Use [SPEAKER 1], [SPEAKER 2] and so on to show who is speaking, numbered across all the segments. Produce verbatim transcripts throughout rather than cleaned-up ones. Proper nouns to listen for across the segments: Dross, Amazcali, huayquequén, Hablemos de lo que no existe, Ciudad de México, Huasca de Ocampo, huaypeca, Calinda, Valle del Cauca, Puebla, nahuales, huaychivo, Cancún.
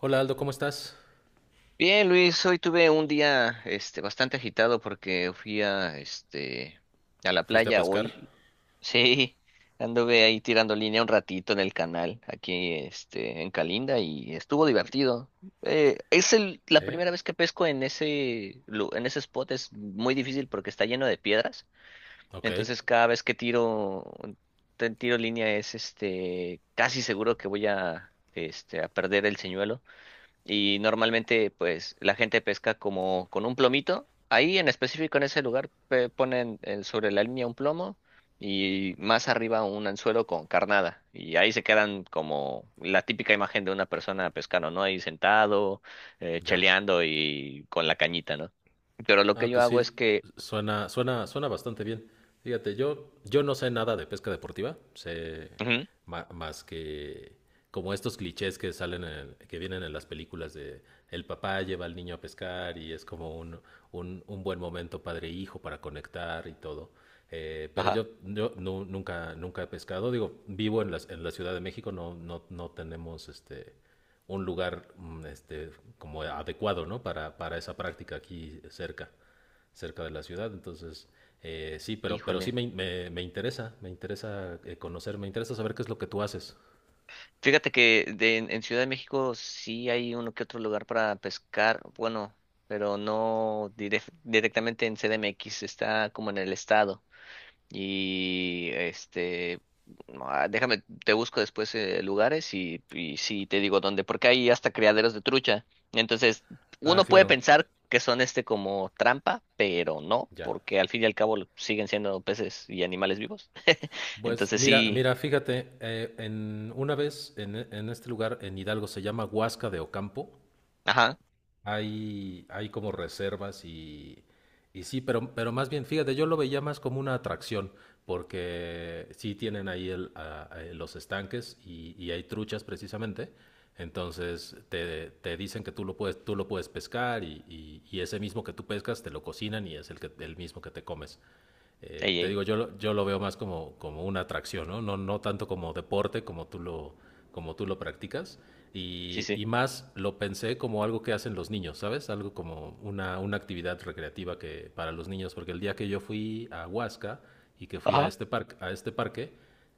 [SPEAKER 1] Hola Aldo, ¿cómo estás?
[SPEAKER 2] Bien, Luis, hoy tuve un día este bastante agitado porque fui a este a la
[SPEAKER 1] ¿Fuiste a
[SPEAKER 2] playa
[SPEAKER 1] pescar?
[SPEAKER 2] hoy. Sí, anduve ahí tirando línea un ratito en el canal aquí este en Calinda y estuvo divertido. Eh, es el,
[SPEAKER 1] ¿Sí?
[SPEAKER 2] la primera vez que pesco en ese lu- en ese spot es muy difícil porque está lleno de piedras.
[SPEAKER 1] Ok,
[SPEAKER 2] Entonces cada vez que tiro te- tiro línea es este casi seguro que voy a este a perder el señuelo y normalmente pues la gente pesca como con un plomito. Ahí en específico en ese lugar pe- ponen eh, sobre la línea un plomo y más arriba un anzuelo con carnada y ahí se quedan como la típica imagen de una persona pescando, ¿no? Ahí sentado, eh,
[SPEAKER 1] ya.
[SPEAKER 2] cheleando y con la cañita, ¿no? Pero lo que
[SPEAKER 1] Ah,
[SPEAKER 2] yo
[SPEAKER 1] pues
[SPEAKER 2] hago es
[SPEAKER 1] sí,
[SPEAKER 2] que...
[SPEAKER 1] suena, suena, suena bastante bien. Fíjate, yo, yo no sé nada de pesca deportiva, sé
[SPEAKER 2] Ujú.
[SPEAKER 1] ma- más que como estos clichés que salen en- que vienen en las películas de el papá lleva al niño a pescar y es como un, un, un buen momento padre e hijo para conectar y todo. Eh, pero
[SPEAKER 2] Ajá.
[SPEAKER 1] yo, yo nu- nunca, nunca he pescado. Digo, vivo en la, en la Ciudad de México, no, no, no tenemos este un lugar mm, este como adecuado, ¿no? Para, para esa práctica aquí cerca cerca de la ciudad, entonces eh, sí, pero, pero sí
[SPEAKER 2] Híjole.
[SPEAKER 1] me, me, me interesa, me interesa eh, conocer, me interesa saber qué es lo que tú haces.
[SPEAKER 2] Fíjate que de- en en Ciudad de México sí hay uno que otro lugar para pescar, bueno, pero no direc- directamente en C D M X, está como en el estado. Y este, no, ah, déjame, te busco después eh, lugares y, y sí te digo dónde, porque hay hasta criaderos de trucha. Entonces,
[SPEAKER 1] Ah,
[SPEAKER 2] uno puede
[SPEAKER 1] claro,
[SPEAKER 2] pensar que son este como trampa, pero no,
[SPEAKER 1] ya.
[SPEAKER 2] porque al fin y al cabo siguen siendo peces y animales vivos.
[SPEAKER 1] Pues
[SPEAKER 2] Entonces
[SPEAKER 1] mira,
[SPEAKER 2] sí,
[SPEAKER 1] mira, fíjate, eh, en, una vez en, en este lugar, en Hidalgo, se llama Huasca de Ocampo.
[SPEAKER 2] ajá,
[SPEAKER 1] Hay, hay como reservas y, y sí, pero, pero más bien, fíjate, yo lo veía más como una atracción, porque sí tienen ahí el, a- a- los estanques y, y hay truchas precisamente, entonces te, te dicen que tú lo puedes, tú lo puedes pescar y, y- y ese mismo que tú pescas te lo cocinan y es el, que, el mismo que te comes. eh,
[SPEAKER 2] ey,
[SPEAKER 1] te
[SPEAKER 2] ey,
[SPEAKER 1] digo, yo, yo lo veo más como, como una atracción, ¿no? No, no tanto como deporte como tú lo, como tú lo practicas.
[SPEAKER 2] sí,
[SPEAKER 1] Y,
[SPEAKER 2] sí.
[SPEAKER 1] y más lo pensé como algo que hacen los niños, ¿sabes? Algo como una, una actividad recreativa que, para los niños, porque el día que yo fui a Huasca y que fui a este parque, a este parque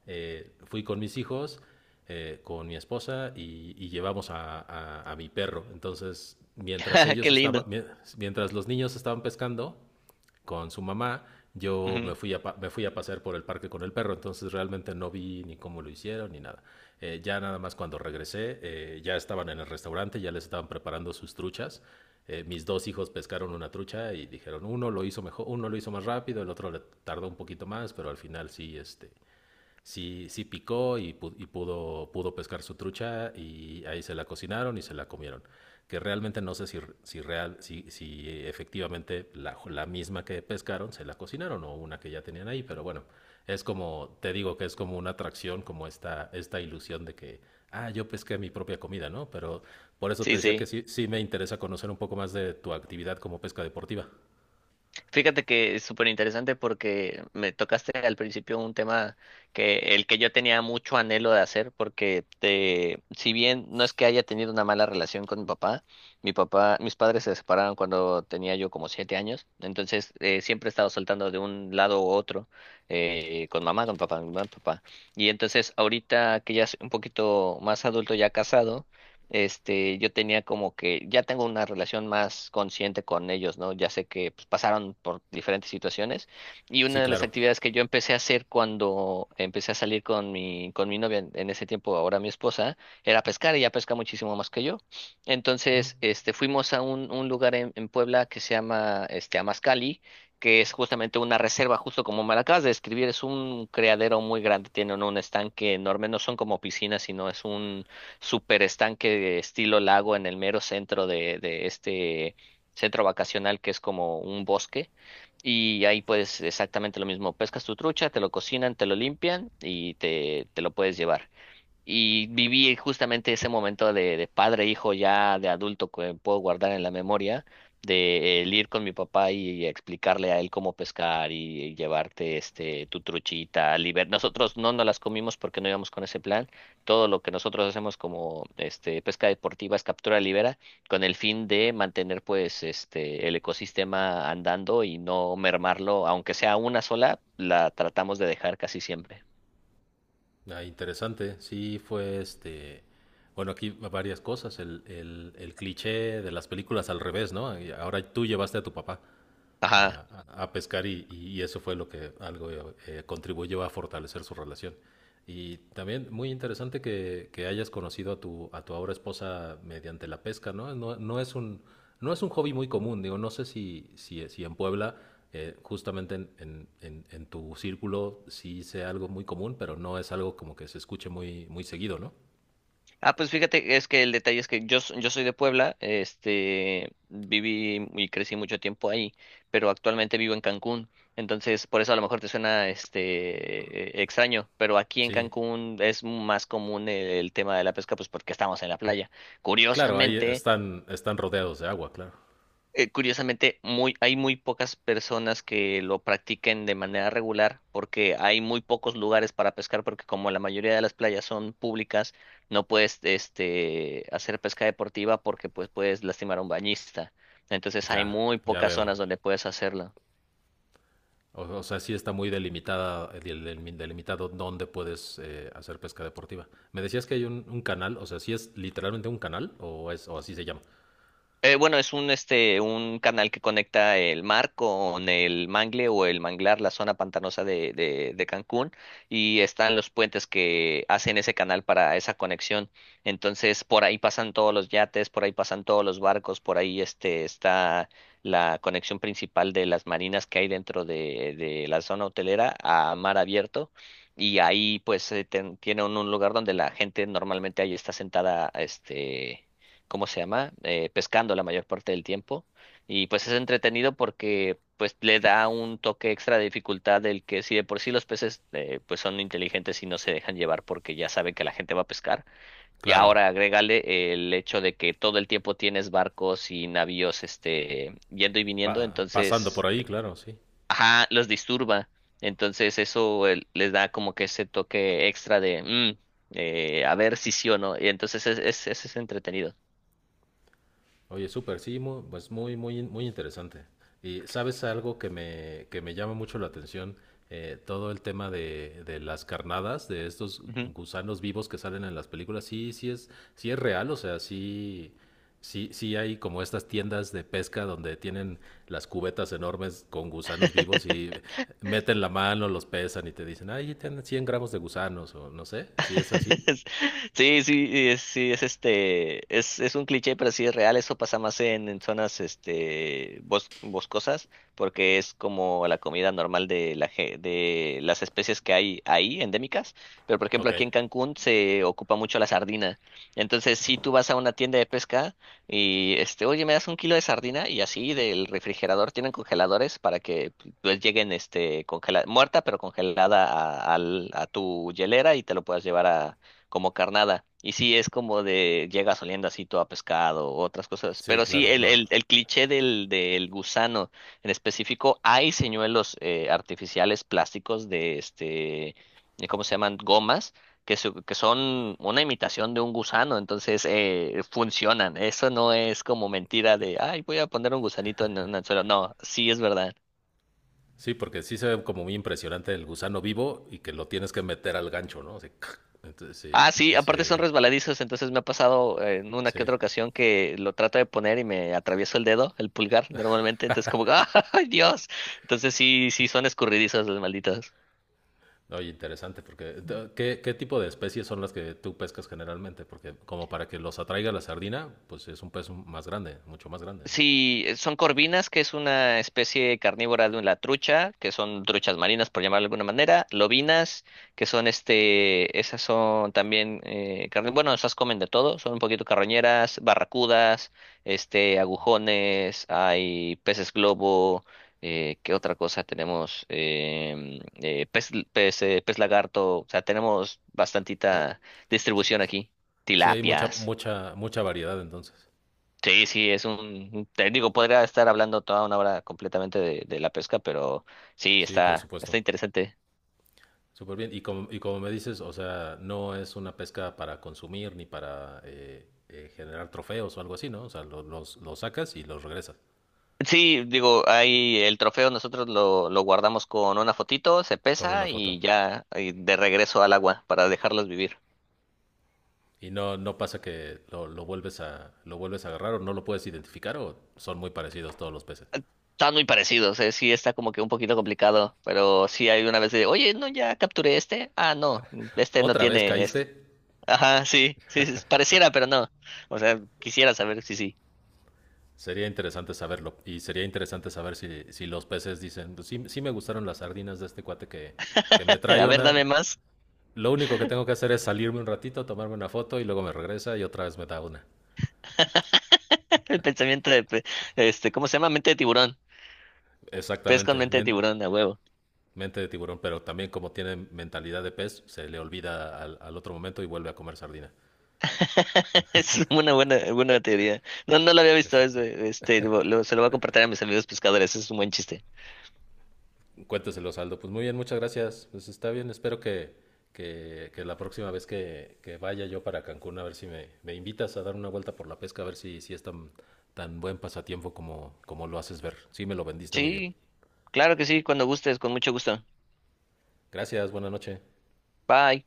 [SPEAKER 1] eh, fui con mis hijos, eh, con mi esposa y, y llevamos a, a- a mi perro. Entonces, mientras ellos
[SPEAKER 2] Qué lindo.
[SPEAKER 1] estaban, mi- mientras los niños estaban pescando con su mamá. Yo me
[SPEAKER 2] Ujú.
[SPEAKER 1] fui, a Me fui a pasear por el parque con el perro, entonces realmente no vi ni cómo lo hicieron ni nada. Eh, ya nada más cuando regresé, eh, ya estaban en el restaurante, ya les estaban preparando sus truchas. Eh, mis dos hijos pescaron una trucha y dijeron, uno lo hizo mejor, uno lo hizo más rápido, el otro le tardó un poquito más, pero al final sí, este, sí, sí picó y, pu- y pudo, pudo pescar su trucha y ahí se la cocinaron y se la comieron. Que realmente no sé si, si, real, si, si efectivamente la, la misma que pescaron se la cocinaron o una que ya tenían ahí, pero bueno, es como, te digo que es como una atracción, como esta, esta ilusión de que, ah, yo pesqué mi propia comida, ¿no? Pero por eso te
[SPEAKER 2] Sí,
[SPEAKER 1] decía que
[SPEAKER 2] sí.
[SPEAKER 1] sí, sí me interesa conocer un poco más de tu actividad como pesca deportiva.
[SPEAKER 2] Fíjate que es súper interesante porque me tocaste al principio un tema que el que yo tenía mucho anhelo de hacer porque te, si bien no es que haya tenido una mala relación con mi papá, mi papá, mis padres se separaron cuando tenía yo como siete años, entonces eh, siempre he estado soltando de un lado u otro eh, con mamá, con papá, con mamá, papá. Y entonces ahorita que ya soy un poquito más adulto, ya casado. Este, yo tenía como que, ya tengo una relación más consciente con ellos, ¿no? Ya sé que pues, pasaron por diferentes situaciones y
[SPEAKER 1] Sí,
[SPEAKER 2] una de las
[SPEAKER 1] claro.
[SPEAKER 2] actividades que yo empecé a hacer cuando empecé a salir con mi, con mi novia en, en ese tiempo, ahora mi esposa, era pescar, ella pesca muchísimo más que yo. Entonces, este, fuimos a un, un lugar en, en Puebla que se llama, este, Amazcali, que es justamente una reserva, justo como me la acabas de describir, es un criadero muy grande, tienen un estanque enorme, no son como piscinas, sino es un super estanque de estilo lago en el mero centro de, de este centro vacacional que es como un bosque. Y ahí pues exactamente lo mismo, pescas tu trucha, te lo cocinan, te lo limpian y te, te lo puedes llevar. Y viví justamente ese momento de, de padre, e hijo, ya de adulto que puedo guardar en la memoria, de el ir con mi papá y, explicarle a él cómo pescar y, y llevarte este tu truchita, liber... Nosotros no nos las comimos porque no íbamos con ese plan. Todo lo que nosotros hacemos como este pesca deportiva es captura de libera, con el fin de mantener pues este el ecosistema andando y no mermarlo, aunque sea una sola, la tratamos de dejar casi siempre.
[SPEAKER 1] Ah, interesante, sí fue este, bueno, aquí va varias cosas, el, el, el cliché de las películas al revés, ¿no? Y ahora tú llevaste a tu papá
[SPEAKER 2] Ajá.
[SPEAKER 1] a, a pescar y, y, eso fue lo que algo eh, contribuyó a fortalecer su relación. Y también muy interesante que, que, hayas conocido a tu, a tu ahora esposa mediante la pesca, ¿no? No, no es, un, no es un hobby muy común, digo, no sé si, si, si en Puebla, eh, justamente en, en, en, en, tu círculo, sí sea algo muy común, pero no es algo como que se escuche muy, muy seguido, ¿no?
[SPEAKER 2] Ah, pues fíjate, es que el detalle es que yo, s- yo soy de Puebla, este, viví y crecí mucho tiempo ahí, pero actualmente vivo en Cancún, entonces por eso a lo mejor te suena, este, eh, extraño, pero aquí en
[SPEAKER 1] Sí,
[SPEAKER 2] Cancún es más común el, el tema de la pesca, pues porque estamos en la playa.
[SPEAKER 1] claro, ahí
[SPEAKER 2] Curiosamente,
[SPEAKER 1] están, están rodeados de agua, claro.
[SPEAKER 2] eh, curiosamente, muy, hay muy pocas personas que lo practiquen de manera regular porque hay muy pocos lugares para pescar porque como la mayoría de las playas son públicas, no puedes este, hacer pesca deportiva porque pues puedes lastimar a un bañista. Entonces hay
[SPEAKER 1] Ya,
[SPEAKER 2] muy
[SPEAKER 1] ya
[SPEAKER 2] pocas
[SPEAKER 1] veo.
[SPEAKER 2] zonas donde puedes hacerlo.
[SPEAKER 1] O, o sea, sí está muy delimitada, eh, del- del- delimitado dónde puedes eh, hacer pesca deportiva. Me decías que hay un, un canal, o sea, ¿sí es literalmente un canal o es o así se llama?
[SPEAKER 2] Eh, bueno, es un, este, un canal que conecta el mar con el mangle o el manglar, la zona pantanosa de, de, de Cancún, y están los puentes que hacen ese canal para esa conexión. Entonces, por ahí pasan todos los yates, por ahí pasan todos los barcos, por ahí este, está la conexión principal de las marinas que hay dentro de, de la zona hotelera a mar abierto. Y ahí pues eh, ten- tiene un, un lugar donde la gente normalmente ahí está sentada, este ¿cómo se llama? Eh, pescando la mayor parte del tiempo. Y pues es entretenido porque pues le da un toque extra de dificultad del que si de por sí los peces eh, pues son inteligentes y no se dejan llevar porque ya saben que la gente va a pescar. Y
[SPEAKER 1] Claro,
[SPEAKER 2] ahora agrégale el hecho de que todo el tiempo tienes barcos y navíos este yendo y viniendo,
[SPEAKER 1] pa- pasando por
[SPEAKER 2] entonces,
[SPEAKER 1] ahí, claro, sí.
[SPEAKER 2] ajá, los disturba. Entonces eso eh, les da como que ese toque extra de, mm, eh, a ver si sí o no. Y entonces es, es, es es entretenido.
[SPEAKER 1] Oye, súper, sí, mu- pues muy, muy, muy interesante. Y sabes algo que me, que me llama mucho la atención. Eh, todo el tema de, de las carnadas, de estos
[SPEAKER 2] Ujú.
[SPEAKER 1] gusanos vivos que salen en las películas, sí, sí es, sí es real, o sea, sí, sí, sí hay como estas tiendas de pesca donde tienen las cubetas enormes con gusanos vivos y meten la mano, los pesan y te dicen, ay, tienen cien gramos de gusanos o no sé, si es así.
[SPEAKER 2] Sí, sí, y es, sí, es este, es, es un cliché, pero sí es real, eso pasa más en, en zonas este bos- boscosas, porque es como la comida normal de la ge- de las especies que hay ahí, endémicas, pero por ejemplo
[SPEAKER 1] Ok,
[SPEAKER 2] aquí en Cancún se ocupa mucho la sardina. Entonces, si tú vas a una tienda de pesca y este, oye, me das un kilo de sardina, y así del refrigerador tienen congeladores para que pues lleguen este congelada, muerta pero congelada a, al- a tu hielera y te lo puedas llevar a como carnada. Y sí, es como de llegas oliendo así todo a pescado o otras cosas.
[SPEAKER 1] sí,
[SPEAKER 2] Pero sí,
[SPEAKER 1] claro,
[SPEAKER 2] el,
[SPEAKER 1] no.
[SPEAKER 2] el, el cliché del, del gusano en específico, hay señuelos eh, artificiales plásticos de este, de ¿cómo se llaman? Gomas. Que, su- que son una imitación de un gusano, entonces eh, funcionan. Eso no es como mentira de, ay, voy a poner un gusanito en un anzuelo. No, sí es verdad.
[SPEAKER 1] Sí, porque sí se ve como muy impresionante el gusano vivo y que lo tienes que meter al gancho, ¿no? Así, ¡cac! Entonces, sí,
[SPEAKER 2] Ah, sí, aparte son
[SPEAKER 1] dice,
[SPEAKER 2] resbaladizos, entonces me ha pasado eh, en una que
[SPEAKER 1] sí.
[SPEAKER 2] otra ocasión que lo trato de poner y me atravieso el dedo, el pulgar, normalmente, entonces como, que, ¡ay, Dios! Entonces sí, sí son escurridizos los malditos.
[SPEAKER 1] Oye, interesante, porque eh, t- ¿qué, ¿qué tipo de especies son las que tú pescas generalmente? Porque como para que los atraiga la sardina, pues es un pez más grande, mucho más grande, ¿no?
[SPEAKER 2] Sí, eh, son corvinas, que es una especie carnívora de la trucha, que son truchas marinas, por llamarlo de alguna manera, lobinas, que son este, esas son también eh, carni- bueno, esas comen de todo, son un poquito carroñeras, barracudas, este, agujones, hay peces globo, eh, ¿qué otra cosa tenemos? Em, eh, pez, pez, eh, pez lagarto, o sea, tenemos
[SPEAKER 1] O sea,
[SPEAKER 2] bastantita distribución aquí,
[SPEAKER 1] sí, hay mucha,
[SPEAKER 2] tilapias.
[SPEAKER 1] mucha, mucha variedad entonces.
[SPEAKER 2] Sí, sí, es un un técnico. Podría estar hablando toda una hora completamente de, de la pesca, pero sí,
[SPEAKER 1] Sí, por
[SPEAKER 2] está, está
[SPEAKER 1] supuesto.
[SPEAKER 2] interesante.
[SPEAKER 1] Súper bien. Y como, y como me dices, o sea, no es una pesca para consumir ni para eh, eh, generar trofeos o algo así, ¿no? O sea, lo- los, los sacas y los regresas
[SPEAKER 2] Sí, digo, ahí el trofeo nosotros lo, lo guardamos con una fotito, se
[SPEAKER 1] con una
[SPEAKER 2] pesa
[SPEAKER 1] foto.
[SPEAKER 2] y ya y de regreso al agua para dejarlos vivir.
[SPEAKER 1] Y no, no pasa que lo, lo vuelves a, lo vuelves a agarrar o no lo puedes identificar o son muy parecidos todos los peces.
[SPEAKER 2] Están muy parecidos, eh, sí, está como que un poquito complicado, pero sí hay una vez de, oye, no, ya capturé este. Ah, no, este no
[SPEAKER 1] Otra vez
[SPEAKER 2] tiene es-
[SPEAKER 1] caíste,
[SPEAKER 2] ajá, sí, sí, sí, pareciera, pero no. O sea, quisiera saber si sí.
[SPEAKER 1] sería interesante saberlo. Y sería interesante saber si, si los peces dicen, "Pues sí, sí me gustaron las sardinas de este cuate que, que me
[SPEAKER 2] A
[SPEAKER 1] trae
[SPEAKER 2] ver, dame
[SPEAKER 1] una.
[SPEAKER 2] más.
[SPEAKER 1] Lo único que tengo que hacer es salirme un ratito, tomarme una foto y luego me regresa y otra vez me da una".
[SPEAKER 2] El pensamiento de, pe- este, ¿cómo se llama? Mente de tiburón. Pez con
[SPEAKER 1] Exactamente,
[SPEAKER 2] mente de
[SPEAKER 1] men-
[SPEAKER 2] tiburón, a huevo.
[SPEAKER 1] mente de tiburón, pero también como tiene mentalidad de pez, se le olvida al, al otro momento y vuelve a comer sardina.
[SPEAKER 2] Es una buena, buena teoría. No, no lo había visto.
[SPEAKER 1] Es...
[SPEAKER 2] Es, eh, este, lo- lo- Se lo voy a compartir a mis amigos pescadores. Es un buen chiste.
[SPEAKER 1] Cuénteselo, Saldo. Pues muy bien, muchas gracias. Pues está bien, espero que, que, que la próxima vez que, que vaya yo para Cancún, a ver si me, me invitas a dar una vuelta por la pesca, a ver si, si es tan, tan buen pasatiempo como, como lo haces ver. Sí, me lo vendiste muy bien.
[SPEAKER 2] Sí, claro que sí, cuando gustes, con mucho gusto.
[SPEAKER 1] Gracias, buena noche.
[SPEAKER 2] Bye.